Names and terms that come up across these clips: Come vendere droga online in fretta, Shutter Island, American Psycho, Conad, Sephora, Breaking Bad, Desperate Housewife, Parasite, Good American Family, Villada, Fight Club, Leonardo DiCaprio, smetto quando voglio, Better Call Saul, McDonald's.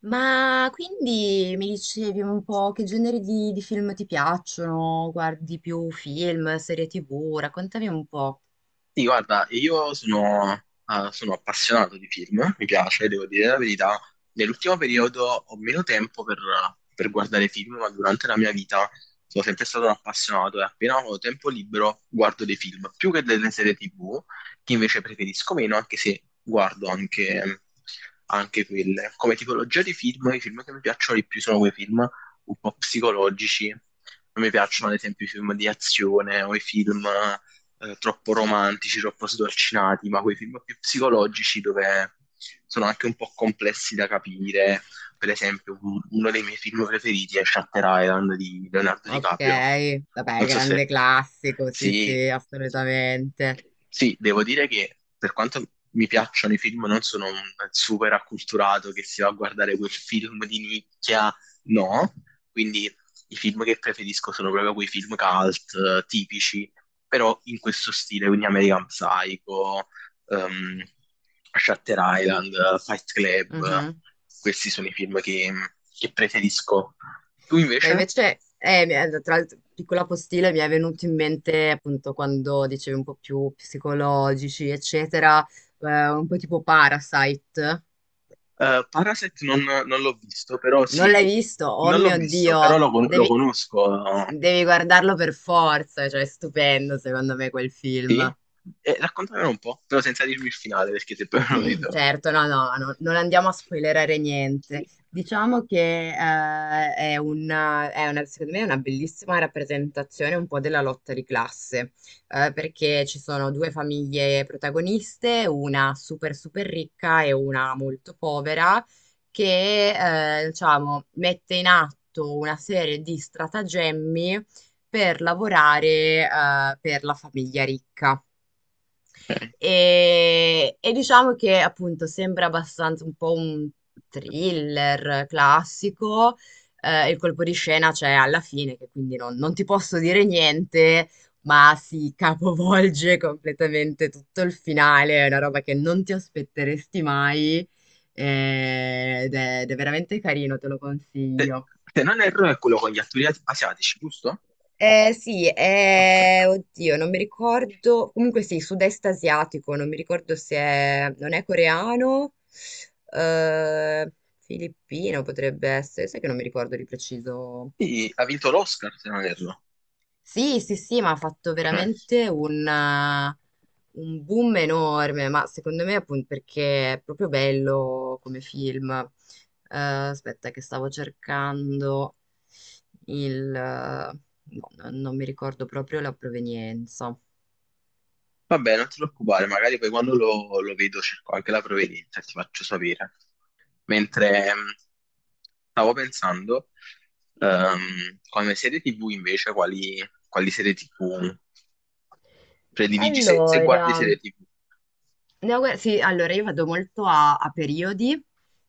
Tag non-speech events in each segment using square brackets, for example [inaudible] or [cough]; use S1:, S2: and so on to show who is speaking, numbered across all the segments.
S1: Ma quindi mi dicevi un po' che generi di film ti piacciono? Guardi più film, serie TV? Raccontami un po'.
S2: Sì, guarda, io sono appassionato di film, mi piace, devo dire la verità. Nell'ultimo periodo ho meno tempo per guardare film, ma durante la mia vita sono sempre stato un appassionato e appena ho tempo libero guardo dei film, più che delle serie TV, che invece preferisco meno, anche se guardo anche quelle. Come tipologia di film, i film che mi piacciono di più sono quei film un po' psicologici. Non mi piacciono ad esempio i film di azione o i film troppo romantici, troppo sdolcinati, ma quei film più psicologici dove sono anche un po' complessi da capire. Per esempio, uno dei miei film preferiti è Shutter Island di Leonardo
S1: Ok,
S2: DiCaprio.
S1: vabbè,
S2: Non so se...
S1: grande classico, sì,
S2: Sì,
S1: sì,
S2: sì,
S1: assolutamente.
S2: sì, devo dire che per quanto mi piacciono i film, non sono un super acculturato che si va a guardare quel film di nicchia. No, quindi i film che preferisco sono proprio quei film cult tipici, però in questo stile, quindi American Psycho, ehm, Shutter Island, Fight Club,
S1: Mhm.
S2: questi sono i film che preferisco. Tu
S1: Beh,
S2: invece?
S1: invece, tra l'altro, piccola postilla, mi è venuto in mente appunto quando dicevi un po' più psicologici, eccetera, un po' tipo Parasite.
S2: Parasite non l'ho visto, però
S1: Non
S2: sì,
S1: l'hai visto? Oh
S2: non l'ho
S1: mio
S2: visto, però
S1: Dio,
S2: lo
S1: devi...
S2: conosco.
S1: Devi guardarlo per forza, cioè è stupendo secondo me quel
S2: Sì?
S1: film.
S2: Raccontamelo un po', però senza dirmi il finale, perché se poi non lo
S1: [clears throat]
S2: vedo...
S1: Certo, no, no, no, non andiamo a spoilerare niente.
S2: Sì.
S1: Diciamo che secondo me è una bellissima rappresentazione un po' della lotta di classe, perché ci sono due famiglie protagoniste, una super super ricca e una molto povera, che diciamo, mette in atto una serie di stratagemmi per lavorare per la famiglia ricca. E diciamo che appunto sembra abbastanza un po' un thriller classico. Il colpo di scena c'è alla fine, che quindi non ti posso dire niente, ma si capovolge [laughs] completamente tutto il finale. È una roba che non ti aspetteresti mai. Ed è veramente carino, te lo
S2: Se,
S1: consiglio.
S2: se non erro è quello con gli attori asiatici, giusto?
S1: Sì,
S2: Ok.
S1: oddio, non mi ricordo. Comunque sì, sud-est asiatico, non mi ricordo se è, non è coreano, eh, filippino potrebbe essere, sai che non mi ricordo di preciso.
S2: Sì, ha vinto l'Oscar, se non erro.
S1: Sì, sì, sì, ma ha fatto
S2: Ok.
S1: un boom enorme, ma secondo me appunto perché è proprio bello come film. Aspetta che stavo cercando il... no, non mi ricordo proprio la provenienza.
S2: Vabbè, non ti preoccupare, magari poi quando lo vedo cerco anche la provenienza, ti faccio sapere. Mentre stavo pensando, come serie TV invece, quali serie TV prediligi, se
S1: Allora,
S2: guardi
S1: no,
S2: serie TV.
S1: guarda, sì, allora io vado molto a periodi,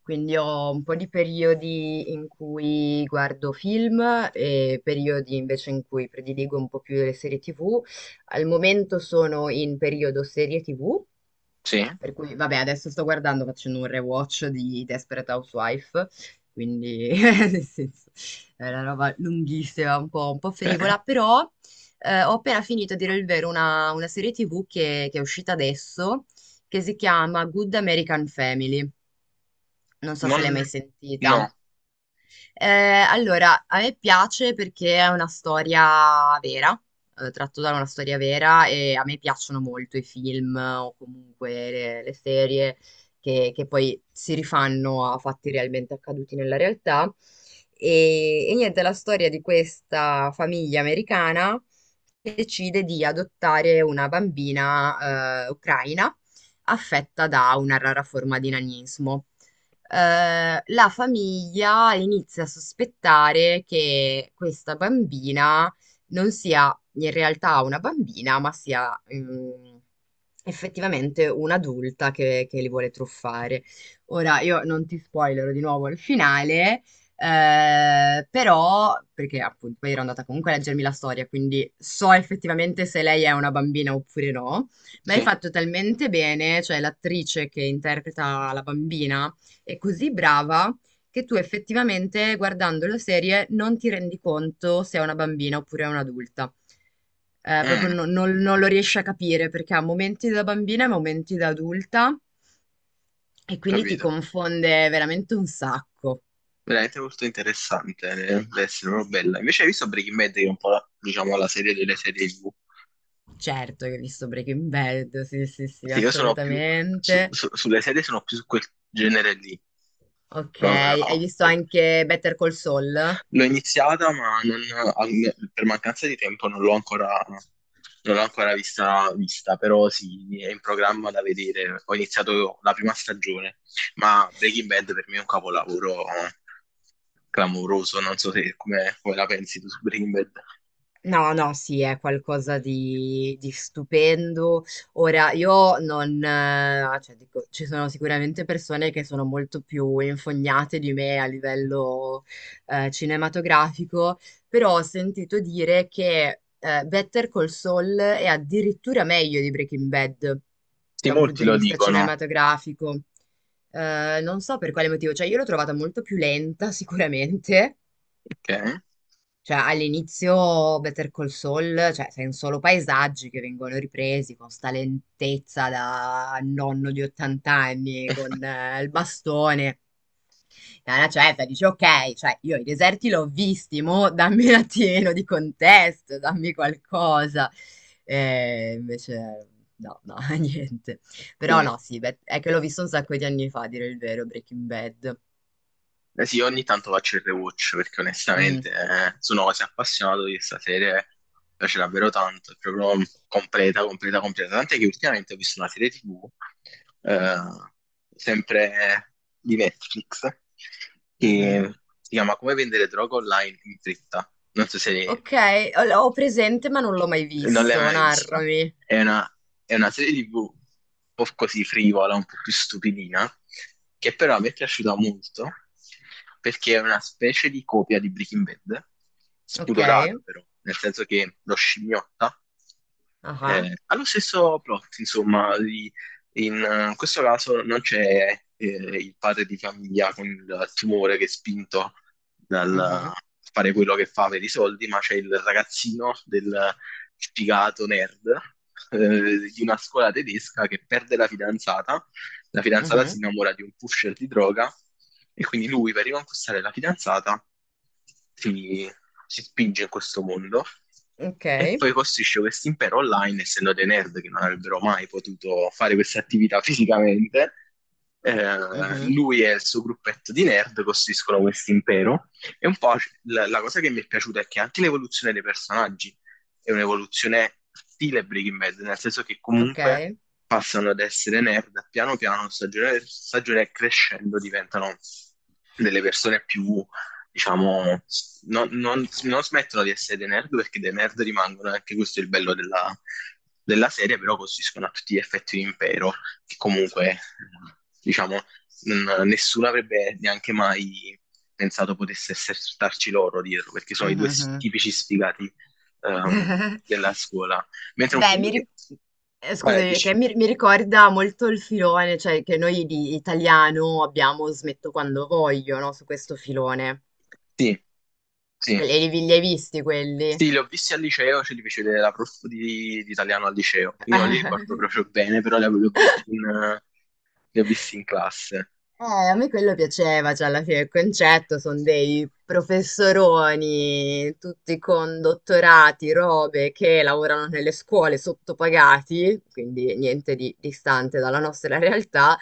S1: quindi ho un po' di periodi in cui guardo film e periodi invece in cui prediligo un po' più le serie TV. Al momento sono in periodo serie TV.
S2: Sì,
S1: Per cui, vabbè, adesso sto guardando, facendo un rewatch di Desperate Housewife, quindi [laughs] nel senso, è una roba lunghissima, un po'
S2: ok.
S1: frivola, però ho appena finito, a dire il vero, una serie TV che è uscita adesso, che si chiama Good American Family. Non so se
S2: Non...
S1: l'hai mai sentita.
S2: No,
S1: Eh, allora, a me piace perché è una storia vera, tratto da una storia vera e a me piacciono molto i film o comunque le serie che poi si rifanno a fatti realmente accaduti nella realtà. E niente, è la storia di questa famiglia americana che decide di adottare una bambina, ucraina affetta da una rara forma di nanismo. La famiglia inizia a sospettare che questa bambina non sia in realtà una bambina, ma sia effettivamente un'adulta che li vuole truffare. Ora, io non ti spoilerò di nuovo il finale. Però, perché appunto poi ero andata comunque a leggermi la storia, quindi so effettivamente se lei è una bambina oppure no, ma è
S2: sì.
S1: fatto talmente bene, cioè l'attrice che interpreta la bambina, è così brava che tu effettivamente guardando la serie non ti rendi conto se è una bambina oppure è un'adulta. Proprio
S2: Mm,
S1: no- non, non lo riesci a capire perché ha momenti da bambina e momenti da adulta e quindi ti
S2: capito.
S1: confonde veramente un sacco.
S2: Veramente molto interessante, deve essere proprio bella. Invece hai visto Breaking Bad, che è un po' la, diciamo, la serie delle serie TV?
S1: Certo che hai visto Breaking Bad, sì, sì, sì,
S2: Perché io sono più...
S1: assolutamente.
S2: sulle serie sono più su quel genere lì.
S1: Ok,
S2: Proprio,
S1: hai
S2: no.
S1: visto anche Better Call Saul?
S2: L'ho iniziata, ma per mancanza di tempo non l'ho ancora vista, però sì, è in programma da vedere. Ho iniziato la prima stagione, ma Breaking Bad per me è un capolavoro clamoroso. Non so se come la pensi tu su Breaking Bad.
S1: No, no, sì, è qualcosa di stupendo. Ora, io non, cioè, dico, ci sono sicuramente persone che sono molto più infognate di me a livello, cinematografico, però ho sentito dire che, Better Call Saul è addirittura meglio di Breaking Bad
S2: Sì,
S1: da un punto
S2: molti
S1: di
S2: lo
S1: vista
S2: dicono.
S1: cinematografico. Non so per quale motivo, cioè io l'ho trovata molto più lenta [laughs] sicuramente,
S2: Ok.
S1: cioè, all'inizio Better Call Saul, cioè, sono solo paesaggi che vengono ripresi con sta lentezza da nonno di 80 anni, con
S2: [laughs]
S1: il bastone. E alla certa dici, ok, cioè, io i deserti l'ho visti, mo dammi un attimino di contesto, dammi qualcosa. E invece, no, no, [laughs] niente. Però
S2: Quindi,
S1: no, sì, beh, è che l'ho visto un sacco di anni fa, a dire il vero, Breaking Bad.
S2: eh sì, ogni tanto faccio il rewatch perché onestamente
S1: Mm,
S2: sono quasi appassionato di questa serie, mi piace davvero tanto, è proprio completa, completa, completa. Tant'è che ultimamente ho visto una serie TV, eh, sempre di Netflix,
S1: mhm.
S2: che si chiama Come vendere droga online in fretta. Non so se
S1: Ok, l'ho presente ma non l'ho mai
S2: non l'hai
S1: visto,
S2: mai vista.
S1: narrami.
S2: È una, è una serie TV un po' così frivola, un po' più stupidina, che però mi è piaciuta molto perché è una specie di copia di Breaking Bad,
S1: Ok.
S2: spudorata però, nel senso che lo scimmiotta.
S1: Ah.
S2: Ha lo stesso plot, insomma, di in questo caso non c'è il padre di famiglia con il tumore che è spinto dal
S1: Mhm.
S2: fare quello che fa per i soldi, ma c'è il ragazzino del sfigato nerd di una scuola tedesca che perde la fidanzata. La fidanzata si
S1: Mhm.
S2: innamora di un pusher di droga e quindi lui per riconquistare la fidanzata si, si spinge in questo mondo
S1: Ok.
S2: e poi costruisce questo impero online, essendo dei nerd che non avrebbero mai potuto fare questa attività fisicamente. eh,
S1: Mhm.
S2: lui e il suo gruppetto di nerd costruiscono questo impero. E un po' la cosa che mi è piaciuta è che anche l'evoluzione dei personaggi, è un'evoluzione stile Breaking Bad, nel senso che
S1: Ok.
S2: comunque passano ad essere nerd, piano piano, stagione, per stagione crescendo, diventano delle persone più, diciamo, non smettono di essere dei nerd perché dei nerd rimangono, e anche questo è il bello della serie, però costituiscono a tutti gli effetti un impero, che comunque, diciamo, nessuno avrebbe neanche mai pensato potesse esserci loro dietro, perché sono i due
S1: Mhm.
S2: tipici sfigati ehm, della
S1: [laughs]
S2: scuola. Mentre un
S1: Beh,
S2: film
S1: mi
S2: che...
S1: ricordo...
S2: Vai,
S1: scusami,
S2: dici.
S1: che mi ricorda molto il filone, cioè che noi di italiano abbiamo smetto quando voglio, no? Su questo filone.
S2: Sì, sì.
S1: Che li hai visti quelli?
S2: Sì, li ho visti al liceo, ce li fece vedere la prof di italiano al liceo. Quindi non li ricordo
S1: [laughs]
S2: proprio bene, però li ho visti in classe.
S1: Eh, a me quello piaceva, cioè alla fine il concetto sono dei professoroni, tutti con dottorati, robe, che lavorano nelle scuole sottopagati, quindi niente di distante dalla nostra realtà,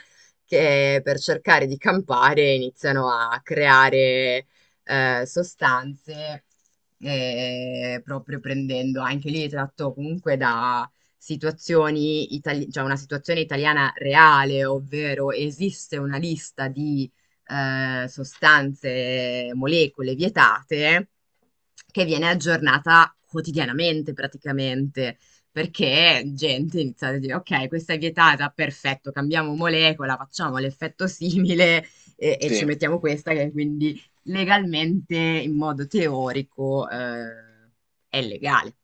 S1: che per cercare di campare iniziano a creare sostanze, proprio prendendo anche lì tratto comunque cioè una situazione italiana reale, ovvero esiste una lista di sostanze, molecole vietate che viene aggiornata quotidianamente praticamente. Perché gente inizia a dire, ok, questa è vietata, perfetto, cambiamo molecola, facciamo l'effetto simile e
S2: Sì.
S1: ci mettiamo questa che quindi legalmente, in modo teorico, è legale.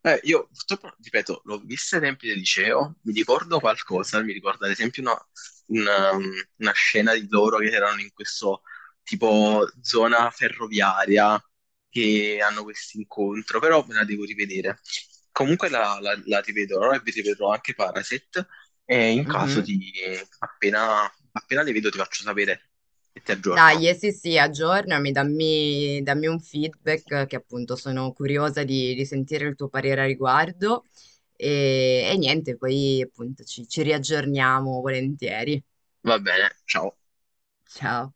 S2: Io purtroppo, ripeto, l'ho vista ai tempi del liceo, mi ricordo qualcosa, mi ricordo ad esempio una- una scena di loro che erano in questo tipo zona ferroviaria che hanno questo incontro, però me la devo rivedere. Comunque la rivedrò e vi rivedrò anche Paraset e in caso
S1: Mhm.
S2: appena, appena le vedo ti faccio sapere e ti aggiorno.
S1: Dai, sì, sì, aggiornami, dammi un feedback che appunto sono curiosa di sentire il tuo parere a riguardo e niente, poi appunto ci riaggiorniamo volentieri.
S2: Va bene, ciao.
S1: Ciao.